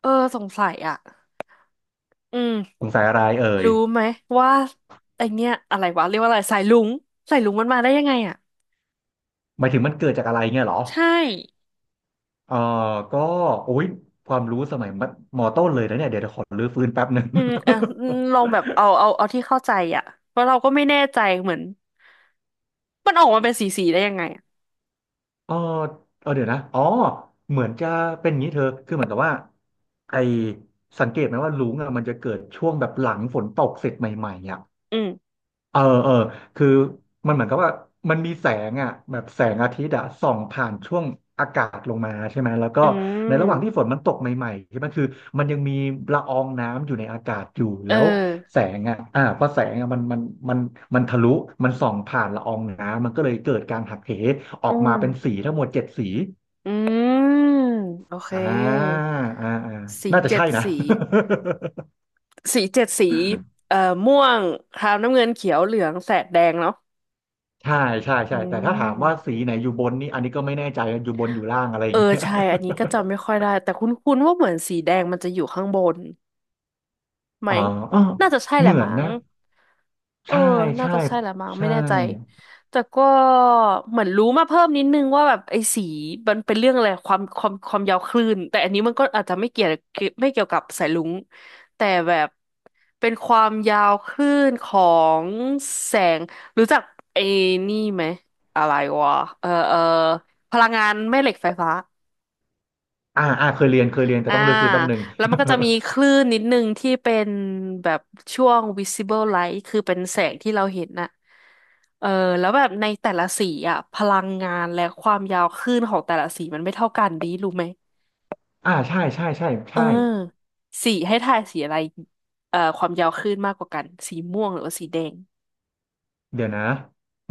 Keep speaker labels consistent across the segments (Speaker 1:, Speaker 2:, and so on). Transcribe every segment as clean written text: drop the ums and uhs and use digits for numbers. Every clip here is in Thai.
Speaker 1: เออสงสัยอ่ะอืม
Speaker 2: สงสัยอะไรเอ่ย
Speaker 1: รู้ไหมว่าไอเนี้ยอะไรวะเรียกว่าอะไรสายลุงสายลุงมันมาได้ยังไงอ่ะ
Speaker 2: หมายถึงมันเกิดจากอะไรเงี้ยเหรอ
Speaker 1: ใช่
Speaker 2: เออก็โอ้ยความรู้สมัยมัธมต้นเลยนะเนี่ยเดี๋ยวขอรื้อฟื้นแป๊บหนึ่ง
Speaker 1: อืมเออลอ งแบบเอาที่เข้าใจอ่ะเพราะเราก็ไม่แน่ใจเหมือนมันออกมาเป็นสีได้ยังไงอะ
Speaker 2: เออเออเดี๋ยวนะอ๋อเหมือนจะเป็นอย่างนี้เธอ คือเหมือนกับว่าไอสังเกตไหมว่าลุงอะมันจะเกิดช่วงแบบหลังฝนตกเสร็จใหม่ๆอ่ะ
Speaker 1: อืม
Speaker 2: เออเออคือมันเหมือนกับว่ามันมีแสงอ่ะแบบแสงอาทิตย์อ่ะส่องผ่านช่วงอากาศลงมาใช่ไหมแล้วก็
Speaker 1: อื
Speaker 2: ใน
Speaker 1: ม
Speaker 2: ระหว่างที่ฝนมันตกใหม่ๆใช่ไหมคือมันยังมีละอองน้ำอยู่ในอากาศอยู่
Speaker 1: เอ
Speaker 2: แล้วแส
Speaker 1: อ
Speaker 2: งอ่ะพอแสงอ่ะมันมันทะลุมันส่องผ่านละอองน้ำมันก็เลยเกิดการหักเหออ
Speaker 1: อื
Speaker 2: กมา
Speaker 1: ม
Speaker 2: เป็นสีทั้งหมดเจ็ดสี
Speaker 1: อืมโอเค
Speaker 2: อ่าอ่าอ่า
Speaker 1: สี
Speaker 2: น่าจะ
Speaker 1: เจ็
Speaker 2: ใช่
Speaker 1: ด
Speaker 2: นะ
Speaker 1: สี สีเจ็ดสีเอ่อม่วงครามน้ำเงินเขียวเหลืองแสดแดงเนาะ
Speaker 2: ใช่ใช่
Speaker 1: อื
Speaker 2: ใช่แต่ถ้าถามว่าสี
Speaker 1: ม
Speaker 2: ไหนอยู่บนนี่อันนี้ก็ไม่แน่ใจอยู่บนอยู่ล่างอะไรอ
Speaker 1: เอ
Speaker 2: ย่า
Speaker 1: อ
Speaker 2: งเงี้ย
Speaker 1: ใช่ อันนี้ก็จำไม่ค่อยได้แต่คุ้นๆว่าเหมือนสีแดงมันจะอยู่ข้างบนไหม
Speaker 2: อ๋ออ้อ
Speaker 1: น่าจะใช่แห
Speaker 2: เห
Speaker 1: ละ
Speaker 2: มือน
Speaker 1: มั้ง
Speaker 2: นะ
Speaker 1: เออ
Speaker 2: ใช่
Speaker 1: น่า
Speaker 2: ใช่
Speaker 1: จะใช่แหละมั้งไม่
Speaker 2: ใช่
Speaker 1: แน่ใจแต่ก็เหมือนรู้มาเพิ่มนิดนึงว่าแบบไอ้สีมันเป็นเรื่องอะไรความยาวคลื่นแต่อันนี้มันก็อาจจะไม่เกี่ยวไม่เกี่ยวกับสายรุ้งแต่แบบเป็นความยาวคลื่นของแสง รู้จักไอ้นี่ไหมอะไรวะเออเออพลังงานแม่เหล็กไฟฟ้า
Speaker 2: อ่าอ่าเคยเรียนเคยเรียน แต่
Speaker 1: อ่า
Speaker 2: ต้องเลือกฟื้นแป๊บหนึ่ง
Speaker 1: แล้วมันก็จะมีคลื่นนิดนึงที่เป็นแบบช่วง visible light คือเป็นแสงที่เราเห็นน่ะเออแล้วแบบในแต่ละสีอ่ะพลังงานและความยาวคลื่นของแต่ละสีมันไม่เท่ากันดีรู้ไหม
Speaker 2: อ่าใช่ใช่ใช่
Speaker 1: เออ
Speaker 2: ใช่
Speaker 1: สีให้ทายสีอะไรความยาวคลื่นมากกว่ากันสีม่วงหรือว่าสีแดง
Speaker 2: เดี๋ยวนะ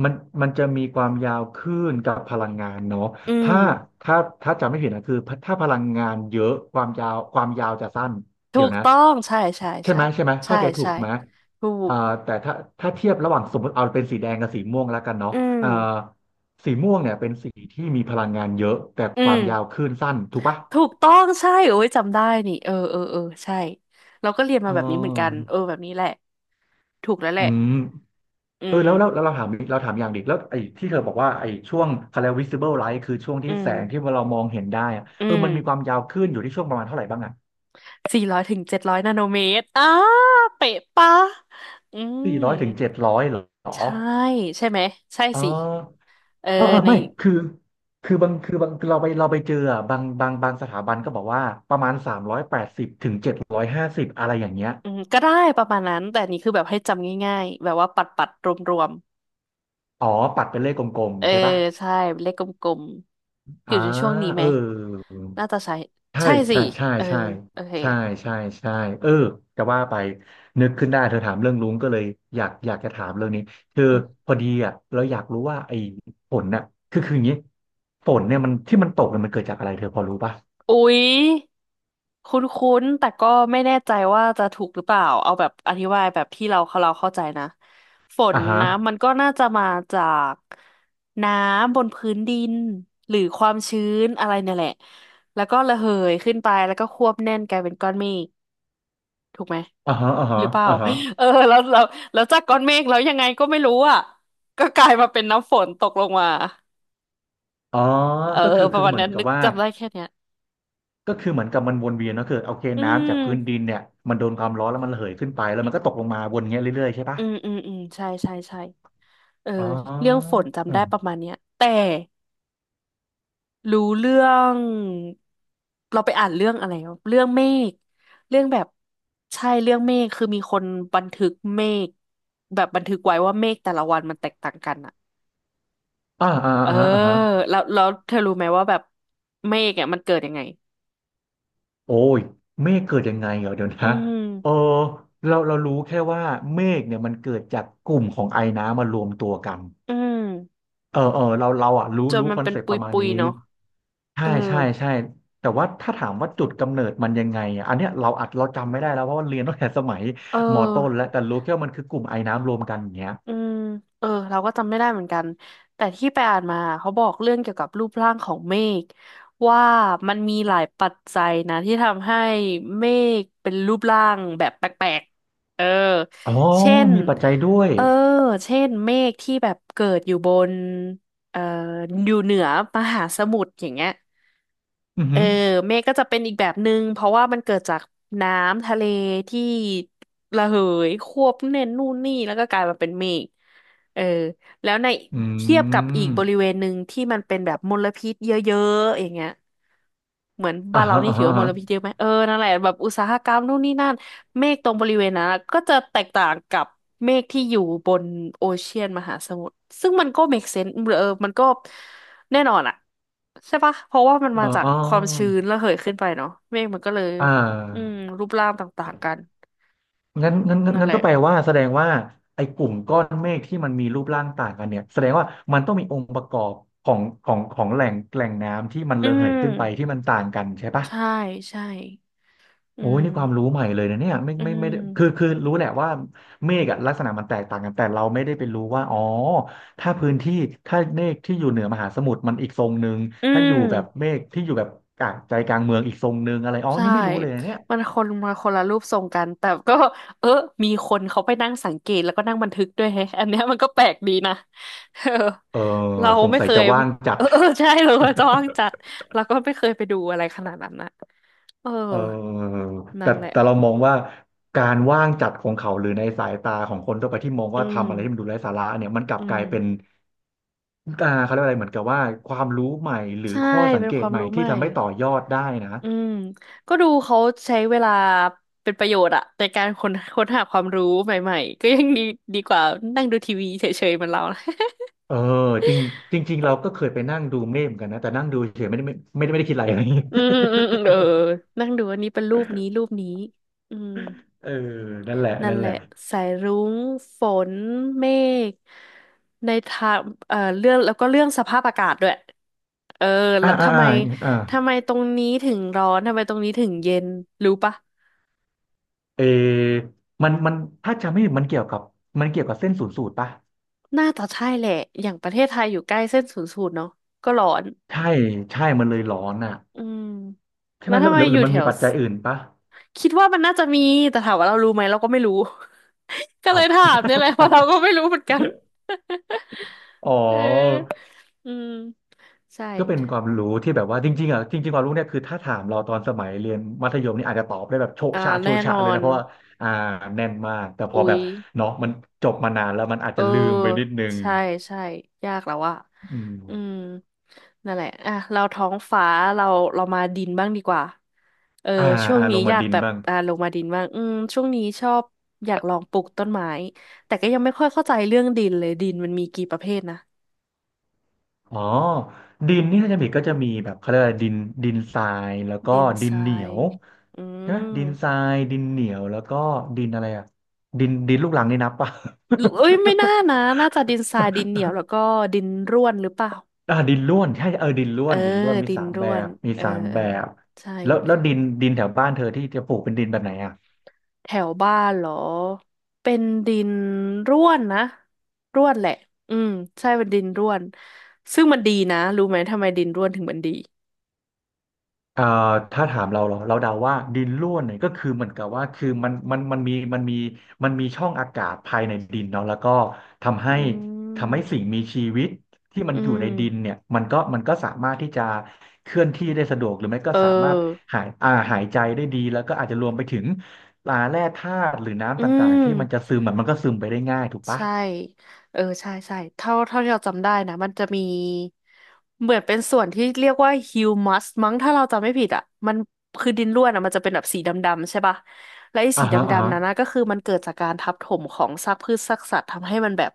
Speaker 2: มันมันจะมีความยาวคลื่นกับพลังงานเนาะ
Speaker 1: อืม
Speaker 2: ถ้า ถ้าถ้าจำไม่ผิดนะคือ ถ้าพลังงานเยอะ ความยาวจะสั้น
Speaker 1: ถู
Speaker 2: เดี๋ยว
Speaker 1: ก
Speaker 2: นะ
Speaker 1: ต้องใช่ใช่
Speaker 2: ใช่
Speaker 1: ใช่
Speaker 2: ไหมใช่ไหม
Speaker 1: ใช่
Speaker 2: เข้าใจถูก
Speaker 1: ใช่
Speaker 2: ไหม
Speaker 1: ถูก
Speaker 2: อ่าแต่ถ้าเทียบระหว่างสมมติเอาเป็นสีแดงกับสีม่วงแล้วกันเนาะ
Speaker 1: อืม
Speaker 2: อ่าสีม่วงเนี่ยเป็นสีที่มีพลังงานเยอะแต่
Speaker 1: อื
Speaker 2: ควา
Speaker 1: ม
Speaker 2: มยาวคลื่นสั้นถูกปะ
Speaker 1: ถูกต้องใช่โอ้ยจำได้นี่เออเออเออใช่เราก็เรียน
Speaker 2: เ
Speaker 1: มาแบบนี้เหมือนกัน
Speaker 2: ออ
Speaker 1: เออแบบนี้แหละถูกแล้วแห
Speaker 2: อื
Speaker 1: ละ
Speaker 2: ม
Speaker 1: อื
Speaker 2: เออ
Speaker 1: ม
Speaker 2: แล้วเราถามอีกเราถามอย่างดิแล้วไอ้ที่เธอบอกว่าไอ้ช่วงเขาเร visible light คือช่วง
Speaker 1: อื
Speaker 2: ที่แส
Speaker 1: ม
Speaker 2: งที่เรามองเห็นได้อะ
Speaker 1: อื
Speaker 2: เออ
Speaker 1: ม
Speaker 2: มันมีความยาวขึ้นอยู่ที่ช่วงประมาณเท่าไหร่บ้างอ่ะ
Speaker 1: 400-700 นาโนเมตรอ้าเป๊ะปะอื
Speaker 2: สี่
Speaker 1: ม
Speaker 2: ร้อยถึงเจ็ดร้อยเหรอ
Speaker 1: ใช่ใช่ไหมใช่
Speaker 2: เอ
Speaker 1: สิ
Speaker 2: อ
Speaker 1: เออ
Speaker 2: เออเออ
Speaker 1: ใน
Speaker 2: ไม่คือบางคือบางคือเราไปเจออะบางสถาบันก็บอกว่าประมาณ380-750อะไรอย่างเงี้ย
Speaker 1: อืมก็ได้ประมาณนั้นแต่อันนี้คือแบบให้จำง่ายๆแบบว่าปัดปัดรวมรวม
Speaker 2: อ๋อปัดเป็นเลขกลม
Speaker 1: ๆเออ
Speaker 2: ๆใช่ปะ
Speaker 1: ใช่เลขกลมๆอ
Speaker 2: อ่า
Speaker 1: ยู่ในช่วงนี้
Speaker 2: เอ
Speaker 1: ไหม
Speaker 2: อ
Speaker 1: น่าจะใช่
Speaker 2: ใช่
Speaker 1: ใช่สิ
Speaker 2: ใช่ใช่
Speaker 1: เออ
Speaker 2: ใช่
Speaker 1: โอเค
Speaker 2: ใช่ใช่ใช่เออจะว่าไปนึกขึ้นได้เธอถามเรื่องลุงก็เลยอยากจะถามเรื่องนี้คือ
Speaker 1: อืม
Speaker 2: พอดีอ่ะเราอยากรู้ว่าไอ้ฝนน่ะคืออย่างนี้ฝนเนี่ยมันที่มันตกเนี่ยมันเกิดจากอะไรเธอพอรู้ป่ะ
Speaker 1: อุ๊ย คุ้นๆ แต่ก็ไม่แน่ใจว่าจะถูกหรือเปล่า เอาแบบอธิบายแบบที่เราเข้าใจนะฝน
Speaker 2: อ่าฮะ
Speaker 1: นะมันก็น่าจะมาจากน้ำบนพื้นดินหรือความชื้นอะไรเนี่ยแหละแล้วก็ระเหยขึ้นไปแล้วก็ควบแน่นกลายเป็นก้อนเมฆถูกไหม
Speaker 2: อ่าฮะอ่า
Speaker 1: ห
Speaker 2: ฮะ
Speaker 1: รือเปล่า
Speaker 2: อ่าฮะ
Speaker 1: เออแล้วจากก้อนเมฆแล้วยังไงก็ไม่รู้อ่ะก็กลายมาเป็นน้ำฝนตกลงมา
Speaker 2: อ๋อ
Speaker 1: เออ
Speaker 2: ก็คือ
Speaker 1: ประ
Speaker 2: คือ
Speaker 1: มาณ
Speaker 2: เหมือ
Speaker 1: นั้
Speaker 2: น
Speaker 1: น
Speaker 2: กับ
Speaker 1: นึก
Speaker 2: ว่า
Speaker 1: จำได้แค่เนี้ย
Speaker 2: ก็คือเหมือนกับมันวนเวียนเนอะคือโอเค
Speaker 1: อื
Speaker 2: น้ำจา
Speaker 1: ม
Speaker 2: กพื้นดินเนี่ยมันโดนความร้อนแล้วมันระเหยขึ้นไปแล้วมันก็ตกลงมาวนเงี้ยเรื่อยๆใช่ป่ะ
Speaker 1: อืมอืมอืมใช่ใช่ใช่ เออ
Speaker 2: อ๋
Speaker 1: เรื่อง
Speaker 2: อ
Speaker 1: ฝนจำได้ประมาณเนี้ยแต่รู้เรื่องเราไปอ่านเรื่องอะไรวะเรื่องเมฆเรื่องแบบใช่เรื่องเมฆคือมีคนบันทึกเมฆแบบบันทึกไว้ว่าเมฆแต่ละวันมันแตกต่างกันอะ
Speaker 2: อ่าอ่า
Speaker 1: เออ
Speaker 2: อ่าฮะอ่าฮะ
Speaker 1: แล้วเธอรู้ไหมว่าแบบเมฆเนี่ยมันเกิดยังไง
Speaker 2: โอ้ยเมฆเกิดยังไงเหรอเดี๋ยว
Speaker 1: อื
Speaker 2: นะ
Speaker 1: ม
Speaker 2: เออเรารู้แค่ว่าเมฆเนี่ยมันเกิดจากกลุ่มของไอน้ำมารวมตัวกัน
Speaker 1: อืม
Speaker 2: เออเออเราอ่ะรู้
Speaker 1: จน
Speaker 2: รู้
Speaker 1: มั
Speaker 2: ค
Speaker 1: น
Speaker 2: อน
Speaker 1: เป็น
Speaker 2: เซป
Speaker 1: ป
Speaker 2: ต์ประมาณ
Speaker 1: ุย
Speaker 2: นี้
Speaker 1: ๆเนาะเอ
Speaker 2: ใช่
Speaker 1: อ
Speaker 2: ใช่ใช่ แต่ว่าถ้าถามว่าจุดกำเนิดมันยังไงอะอันเนี้ยเราจำไม่ได้แล้วเพราะว่าเรียนตั้งแต่สมัย
Speaker 1: เอ
Speaker 2: มอต้น
Speaker 1: อ
Speaker 2: แล้วแต่รู้แค่ว่ามันคือกลุ่มไอน้ำรวมกันอย่างเงี้ย
Speaker 1: อืมเออเราก็จำไม่ได้เหมือนกันแต่ที่ไปอ่านมาเขาบอกเรื่องเกี่ยวกับรูปร่างของเมฆว่ามันมีหลายปัจจัยนะที่ทำให้เมฆเป็นรูปร่างแบบแปลกๆเออ
Speaker 2: อ๋อ
Speaker 1: เช่น
Speaker 2: มีปัจจัยด้วย
Speaker 1: เออเช่นเมฆที่แบบเกิดอยู่บนเอ่ออยู่เหนือมหาสมุทรอย่างเงี้ย
Speaker 2: อือ
Speaker 1: เอ
Speaker 2: หื
Speaker 1: อ
Speaker 2: อ
Speaker 1: เมฆก็จะเป็นอีกแบบหนึ่งเพราะว่ามันเกิดจากน้ำทะเลที่ ระเหยควบแน่นนู่นนี่แล้วก็กลายมาเป็นเมฆเออ แล้วใน
Speaker 2: อื
Speaker 1: เทียบกับอีกบริ
Speaker 2: ม
Speaker 1: เวณหนึ่งที่มันเป็นแบบมลพิษเยอะๆอย่างเงี้ยเหมือนบ้า
Speaker 2: อ่า
Speaker 1: นเรา
Speaker 2: ฮะ
Speaker 1: นี่
Speaker 2: อ่า
Speaker 1: ถือ
Speaker 2: ฮะ
Speaker 1: ว่า
Speaker 2: อ่า
Speaker 1: มล
Speaker 2: ฮะ
Speaker 1: พิษเยอะไหม เออ นั่นแหละแบบอุตสาหกรรมนู่นนี่นั่น เมฆตรงบริเวณนั้นอะก็จะแตกต่างกับเมฆที่อยู่บนโอเชียนมหาสมุทรซึ่งมันก็ make sense เออมันก็แน่นอนอะใช่ปะเพราะว่ามันมา
Speaker 2: อา
Speaker 1: จาก
Speaker 2: อ๋อ
Speaker 1: ความชื้นระเหยขึ้นไปเนาะเมฆมันก็เลย
Speaker 2: อ่า
Speaker 1: อืมรูปร่างต่างๆกัน
Speaker 2: งั้นงั้นงั้น
Speaker 1: นั่น
Speaker 2: งั้
Speaker 1: แห
Speaker 2: น
Speaker 1: ละ
Speaker 2: ก็แปลว่าแสดงว่าไอ้กลุ่มก้อนเมฆที่มันมีรูปร่างต่างกันเนี่ยแสดงว่ามันต้องมีองค์ประกอบของแหล่งน้ำที่มัน
Speaker 1: อื
Speaker 2: ระเหยขึ้นไป
Speaker 1: ม
Speaker 2: ที่มันต่างกันใช่ปะ
Speaker 1: ใช่ใช่อื
Speaker 2: โอ้ยนี่ความรู้
Speaker 1: ม
Speaker 2: ใหม่เลยนะเนี่ยไม่
Speaker 1: อื
Speaker 2: ไม่ไม่ได้คือ
Speaker 1: ม
Speaker 2: คือรู้แหละว่าเมฆอะลักษณะมันแตกต่างกันแต่เราไม่ได้ไปรู้ว่าอ๋อถ้าพื้นที่ถ้าเมฆที่อยู่เหนือมหาสมุทรมันอีกทรงหนึ่ง
Speaker 1: อื
Speaker 2: ถ้าอยู่แบบ
Speaker 1: ม
Speaker 2: เมฆที่อยู่แบบกลางใจกลางเมืองอีกทรงหนึ่งอะไรอ๋อ
Speaker 1: ใช่
Speaker 2: นี่ไม่รู้เลยนะเนี่ย
Speaker 1: มันคนมาคนละรูปทรงกันแต่ก็เออมีคนเขาไปนั่งสังเกตแล้วก็นั่งบันทึกด้วยแฮะอันเนี้ยมันก็แปลกดีนะ เออ
Speaker 2: เออ
Speaker 1: เรา
Speaker 2: สง
Speaker 1: ไม่
Speaker 2: สัย
Speaker 1: เค
Speaker 2: จะ
Speaker 1: ย
Speaker 2: ว่างจั
Speaker 1: เอ
Speaker 2: ด
Speaker 1: อเออใช่เราจะว่างจัดเราก็ไม่เคยไปดูอะไรขนาดนั้นนะเออ
Speaker 2: เออ
Speaker 1: นั่
Speaker 2: แต่
Speaker 1: นแหละ
Speaker 2: แต่เรามองว่าการว่างจัดของเขาหรือในสายตาของคนทั่วไปที่มอง
Speaker 1: อื
Speaker 2: ว่า
Speaker 1: ม
Speaker 2: ทำอะไรที่มันดูไร้สาระเนี่ยมันกลั
Speaker 1: อื
Speaker 2: บก
Speaker 1: ม
Speaker 2: ลายเป็นอ่าเขาเรียกว่าอะไรเหมือนกับว่าความรู้ใหม่หรือ
Speaker 1: ใช่
Speaker 2: ข้อสัง
Speaker 1: เป็น
Speaker 2: เก
Speaker 1: ค
Speaker 2: ต
Speaker 1: วาม
Speaker 2: ใหม่
Speaker 1: รู้ให
Speaker 2: ที่
Speaker 1: ม่
Speaker 2: ทำให้ต่อยอดได้นะ
Speaker 1: อืมก็ดูเขาใช้เวลาเป็นประโยชน์อะในการค้นหาความรู้ใหม่ๆก็ยังดีดีกว่านั่งดูทีวีเฉยๆเหมือนเรานะ
Speaker 2: เออจริงจริงๆเราก็เคยไปนั่งดูเมฆเหมือนกันนะแต่นั่งดูเฉยไม่ได้คิดอะไร
Speaker 1: อืมอื
Speaker 2: เ
Speaker 1: มอืมอืมเออนั่งดูอันนี้เป็นรูปนี้รูปนี้อืม
Speaker 2: เอ อนั่นแหละ
Speaker 1: นั่น
Speaker 2: นั่น
Speaker 1: แห
Speaker 2: แห
Speaker 1: ละ
Speaker 2: ละ
Speaker 1: สายรุ้งฝนเมฆในทางเรื่องแล้วก็เรื่องสภาพอากาศด้วยเออ
Speaker 2: อ่า
Speaker 1: แล้ว
Speaker 2: อ่า
Speaker 1: ทำ
Speaker 2: อ่า
Speaker 1: ไม
Speaker 2: อ่า
Speaker 1: ทำไมตรงนี้ถึงร้อนทำไมตรงนี้ถึงเย็นรู้ปะ
Speaker 2: เออมันถ้าจำไม่ผิดมันเกี่ยวกับเส้นศูนย์สูตรปะ
Speaker 1: น่าจะใช่แหละ อย่างประเทศไทยอยู่ใกล้เส้นศูนย์สูตรเนาะก็ร้อน
Speaker 2: ใช่ใช่มันเลยร้อนอ่ะ
Speaker 1: อืม
Speaker 2: ใช่
Speaker 1: แล้
Speaker 2: ไหม
Speaker 1: ว
Speaker 2: หรื
Speaker 1: ทำ
Speaker 2: อ
Speaker 1: ไม
Speaker 2: หรือห
Speaker 1: อ
Speaker 2: รื
Speaker 1: ยู่
Speaker 2: อมั
Speaker 1: แถ
Speaker 2: นมี
Speaker 1: ว
Speaker 2: ปัจจัยอื่นปะ
Speaker 1: คิดว่ามันน่าจะมี แต่ถามว่าเรารู้ไหมเราก็ไม่รู้ ก็เล
Speaker 2: เอา
Speaker 1: ยถามเนี่ยแหละเพราะเราก็ไม่รู้เหมือนกัน
Speaker 2: อ๋อ
Speaker 1: เออ อืม ใช่
Speaker 2: ก็เป็นความรู้ที่แบบว่าจริงๆความรู้เนี่ยคือถ้าถามเราตอนสมัยเรียนมัธยมนี่อาจจะตอบได้แบบโชะ
Speaker 1: อ่า
Speaker 2: ชะโชะ
Speaker 1: แน่น
Speaker 2: ชะเล
Speaker 1: อ
Speaker 2: ย
Speaker 1: น
Speaker 2: นะเพราะว่าอ่าแน่นมากแต่พอ
Speaker 1: อุ๊
Speaker 2: แบ
Speaker 1: ย
Speaker 2: บเนาะมันจบมานานแล้วมันอาจ
Speaker 1: เออ
Speaker 2: จะลืมไปนิดนึง
Speaker 1: ใช่ใช่ยากแล้วอะ
Speaker 2: อื
Speaker 1: อืม
Speaker 2: ม
Speaker 1: นั่นแหละอ่ะเราท้องฟ้าเราเรามาดินบ้างดีกว่าเออ
Speaker 2: อ่า
Speaker 1: ช่วง
Speaker 2: อ่าล
Speaker 1: นี้
Speaker 2: ง
Speaker 1: อ
Speaker 2: มา
Speaker 1: ยาก
Speaker 2: ดิน
Speaker 1: แบบ
Speaker 2: บ้าง
Speaker 1: ลงมาดินบ้างอืมช่วงนี้ชอบอยากลองปลูกต้นไม้แต่ก็ยังไม่ค่อยเข้าใจเรื่องดินเลยดินมันมีกี่ประเภทนะ
Speaker 2: อ๋อดินนี่ถ้าจะผิดก็จะมีแบบเขาเรียกอะไรดินดินทรายแล้วก็
Speaker 1: ดิน
Speaker 2: ดิ
Speaker 1: ท
Speaker 2: น
Speaker 1: รา
Speaker 2: เหนีย
Speaker 1: ย
Speaker 2: ว
Speaker 1: อื
Speaker 2: ใช่ไหม
Speaker 1: ม
Speaker 2: ดินทรายดินเหนียวแล้วก็ดินอะไรอ่ะดินลูกรังนี่นับป่ะ
Speaker 1: หรือเอ้ยไม่น่านะน่าจะดินทรายดินเหนียวแล้วก็ ดินร่วนหรือเปล่า
Speaker 2: ดินร่วนใช่เออดินร่
Speaker 1: เอ
Speaker 2: ว
Speaker 1: อ
Speaker 2: นดินร่วนมี
Speaker 1: ดิน
Speaker 2: สาม
Speaker 1: ร่
Speaker 2: แบ
Speaker 1: วน
Speaker 2: บ
Speaker 1: เออเออใช่
Speaker 2: แล้วดินแถวบ้านเธอที่จะปลูกเป็นดินแบบไหนอ่ะ
Speaker 1: แถวบ้านเหรอ เป็นดินร่วนนะ ร่วนแหละอืมใช่เป็นดินร่วน ซึ่งมันดีนะ รู้ไหมทำไมดินร่วนถึงมันดี
Speaker 2: เอ่อถ้าถามเราเดาว่าดินร่วนเนี่ยก็คือเหมือนกับว่าคือมันมีช่องอากาศภายในดินเนาะแล้วก็ทำให้
Speaker 1: อืม
Speaker 2: ทำให้สิ่งมีชีวิตที่มัน
Speaker 1: อื
Speaker 2: อยู่
Speaker 1: ม
Speaker 2: ในดินเนี่ยมันก็สามารถที่จะเคลื่อนที่ได้สะดวกหรือไม่ก็
Speaker 1: เ
Speaker 2: สามารถ
Speaker 1: ออ
Speaker 2: หายใจได้ดีแล้วก็อาจจะรวมไปถึงปลาแร่ธาตุหรือ
Speaker 1: อื
Speaker 2: น้ำต่าง
Speaker 1: ม
Speaker 2: ๆที่มันจะซึมอะมันก็ซึมไปได้ง่ายถูกปะ
Speaker 1: ใช่ เออ ใช่ใช่เท่าที่เราจำได้นะมันจะมีเหมือนเป็นส่วนที่เรียกว่าฮิวมัสมั้งถ้าเราจำไม่ผิดอ่ะมันคือดินร่วนอ่ะมันจะเป็นแบบสีดำๆใช่ปะ และไอ้สี
Speaker 2: อ่า
Speaker 1: ด
Speaker 2: ฮะอ่า
Speaker 1: ำ
Speaker 2: ฮะ
Speaker 1: ๆนั้นนะก็คือมันเกิดจากการทับถมของซากพืชซากสัตว์ทำให้มันแบบ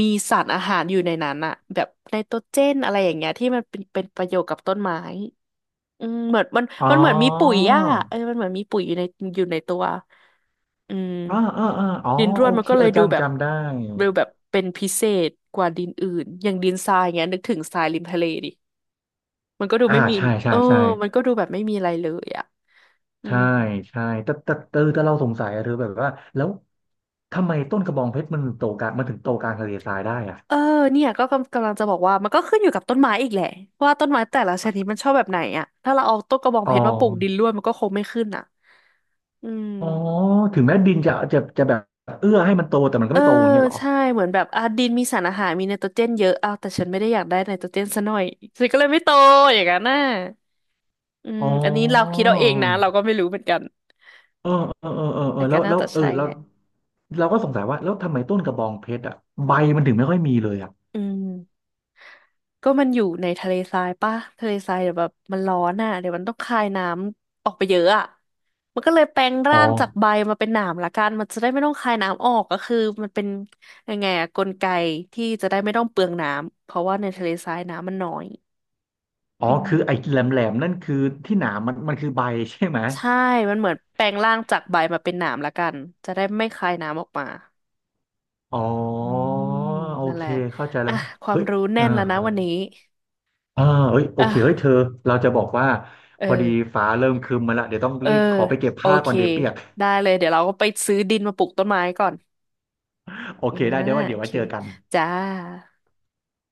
Speaker 1: มีสารอาหารอยู่ในนั้นอ่ะแบบไนโตรเจนอะไรอย่างเงี้ยที่มันเป็นประโยชน์กับต้นไม้ อืมเหมือนมัน
Speaker 2: อ๋อ
Speaker 1: มันเหมือนมีปุ๋ยอ่ะเออมันเหมือนมีปุ๋ยอยู่ในตัวอืม
Speaker 2: อ่าอ่าอ่าอ๋อ
Speaker 1: ดินร่ว
Speaker 2: โอ
Speaker 1: นมั
Speaker 2: เค
Speaker 1: นก็เล
Speaker 2: เออ
Speaker 1: ยดูแบ
Speaker 2: จำ
Speaker 1: บ
Speaker 2: จำได้
Speaker 1: ดูแบบเป็นพิเศษกว่าดินอื่นอย่างดินทรายเงี้ยนึกถึงทรายริมทะเลดิมันก็ดู
Speaker 2: อ่า
Speaker 1: ไม่มี
Speaker 2: ใช่
Speaker 1: เอ
Speaker 2: ใช่
Speaker 1: อ
Speaker 2: ใช่
Speaker 1: มันก็ดูแบบไม่มีอะไรเลยอ่ะอื
Speaker 2: ใช่
Speaker 1: ม
Speaker 2: ใช่แต่เราสงสัยอะเธอแบบว่าแล้วทำไมต้นกระบองเพชรมันถึงโตกลางทะเลทรายได้อ่ะ
Speaker 1: เออเนี่ยก็กำลังจะบอกว่ามันก็ขึ้นอยู่กับต้นไม้อีกแหละว่าต้นไม้แต่ละชนิดมันชอบแบบไหนอ่ะถ้าเราเอาต้นกระบอง
Speaker 2: อ๋
Speaker 1: เพ
Speaker 2: อ
Speaker 1: ชรมาปลูกดินร่วนมันก็คงไม่ขึ้นอ่ะอืม
Speaker 2: อ๋อถึงแม้ดินจะแบบเอื้อให้มันโตแต่มันก็
Speaker 1: เออ
Speaker 2: ไม่โตอย่างเงี้ยเหรอ
Speaker 1: ใช่เหมือนแบบอ่ะดินมีสารอาหารมีไนโตรเจนเยอะอ้าวแต่ฉันไม่ได้อยากได้ไนโตรเจนซะหน่อยฉันก็เลยไม่โตอย่างนั้นน่ะอืม
Speaker 2: อ๋
Speaker 1: อันนี้เราคิ
Speaker 2: อ
Speaker 1: ดเอาเองนะเราก็ไม่รู้เหมือนกัน
Speaker 2: เออเออเออเออเออ
Speaker 1: แต่
Speaker 2: แล้
Speaker 1: ก็
Speaker 2: ว
Speaker 1: น่า
Speaker 2: แล้ว
Speaker 1: จะ
Speaker 2: เออ
Speaker 1: ใช่
Speaker 2: เรา
Speaker 1: แหละ
Speaker 2: เราก็สงสัยว่าแล้วทำไมต้นกระบองเพชรอ่ะใบมันถึงไม่ค่อยมีเลยอ่ะ
Speaker 1: อืมก็มันอยู่ในทะเลทรายป่ะทะเลทรายเดี๋ยวแบบมันร้อนอ่ะเดี๋ยวมันต้องคายน้ำออกไปเยอะอ่ะมันก็เลยแปลง
Speaker 2: อ๋อ
Speaker 1: ร่างจากใบมาเป็นหนามละกันมันจะได้ไม่ต้องคายน้ำออกก็คือมันเป็นยังไงอะกลไกที่จะได้ไม่ต้องเปลืองน้ำเพราะว่าในทะเลทรายน้ำมันน้อย
Speaker 2: อ๋อ
Speaker 1: อื
Speaker 2: คือ
Speaker 1: ม
Speaker 2: ไอ้แหลมแหลมนั่นคือที่หนามมันคือใบใช่ไหม
Speaker 1: ใช่ มันเหมือนแปลงร่างจากใบมาเป็นหนามละกัน จะได้ไม่คายน้ำออกมา
Speaker 2: อ๋
Speaker 1: อื
Speaker 2: อ
Speaker 1: ม
Speaker 2: โอ
Speaker 1: นั่นแห
Speaker 2: เค
Speaker 1: ละ
Speaker 2: เข้าใจแล้
Speaker 1: อ่ะ
Speaker 2: ว
Speaker 1: ควา
Speaker 2: เฮ้
Speaker 1: ม
Speaker 2: ย
Speaker 1: รู้
Speaker 2: เอ
Speaker 1: แน่
Speaker 2: อ
Speaker 1: นแล้วนะวันนี้
Speaker 2: อ่าเอ้ยโอ
Speaker 1: อ่ะ
Speaker 2: เคเฮ้ยเธอเราจะบอกว่า
Speaker 1: เออ
Speaker 2: พอดีฟ้าเริ่มครึ้มมาละ เดี๋ยวต้อง
Speaker 1: เออ
Speaker 2: รีบขอไปเก็บ
Speaker 1: โอ
Speaker 2: ผ้า
Speaker 1: เค
Speaker 2: ก่อนเดี๋ยวเปียก
Speaker 1: ได้เลย เดี๋ยวเราก็ไปซื้อดินมาปลูกต้นไม้ก่อน
Speaker 2: โอ
Speaker 1: อ่า
Speaker 2: เคได้เดี๋ยวว่า
Speaker 1: โอ
Speaker 2: เดี๋ยวไว้
Speaker 1: เค
Speaker 2: เจอกัน
Speaker 1: จ้า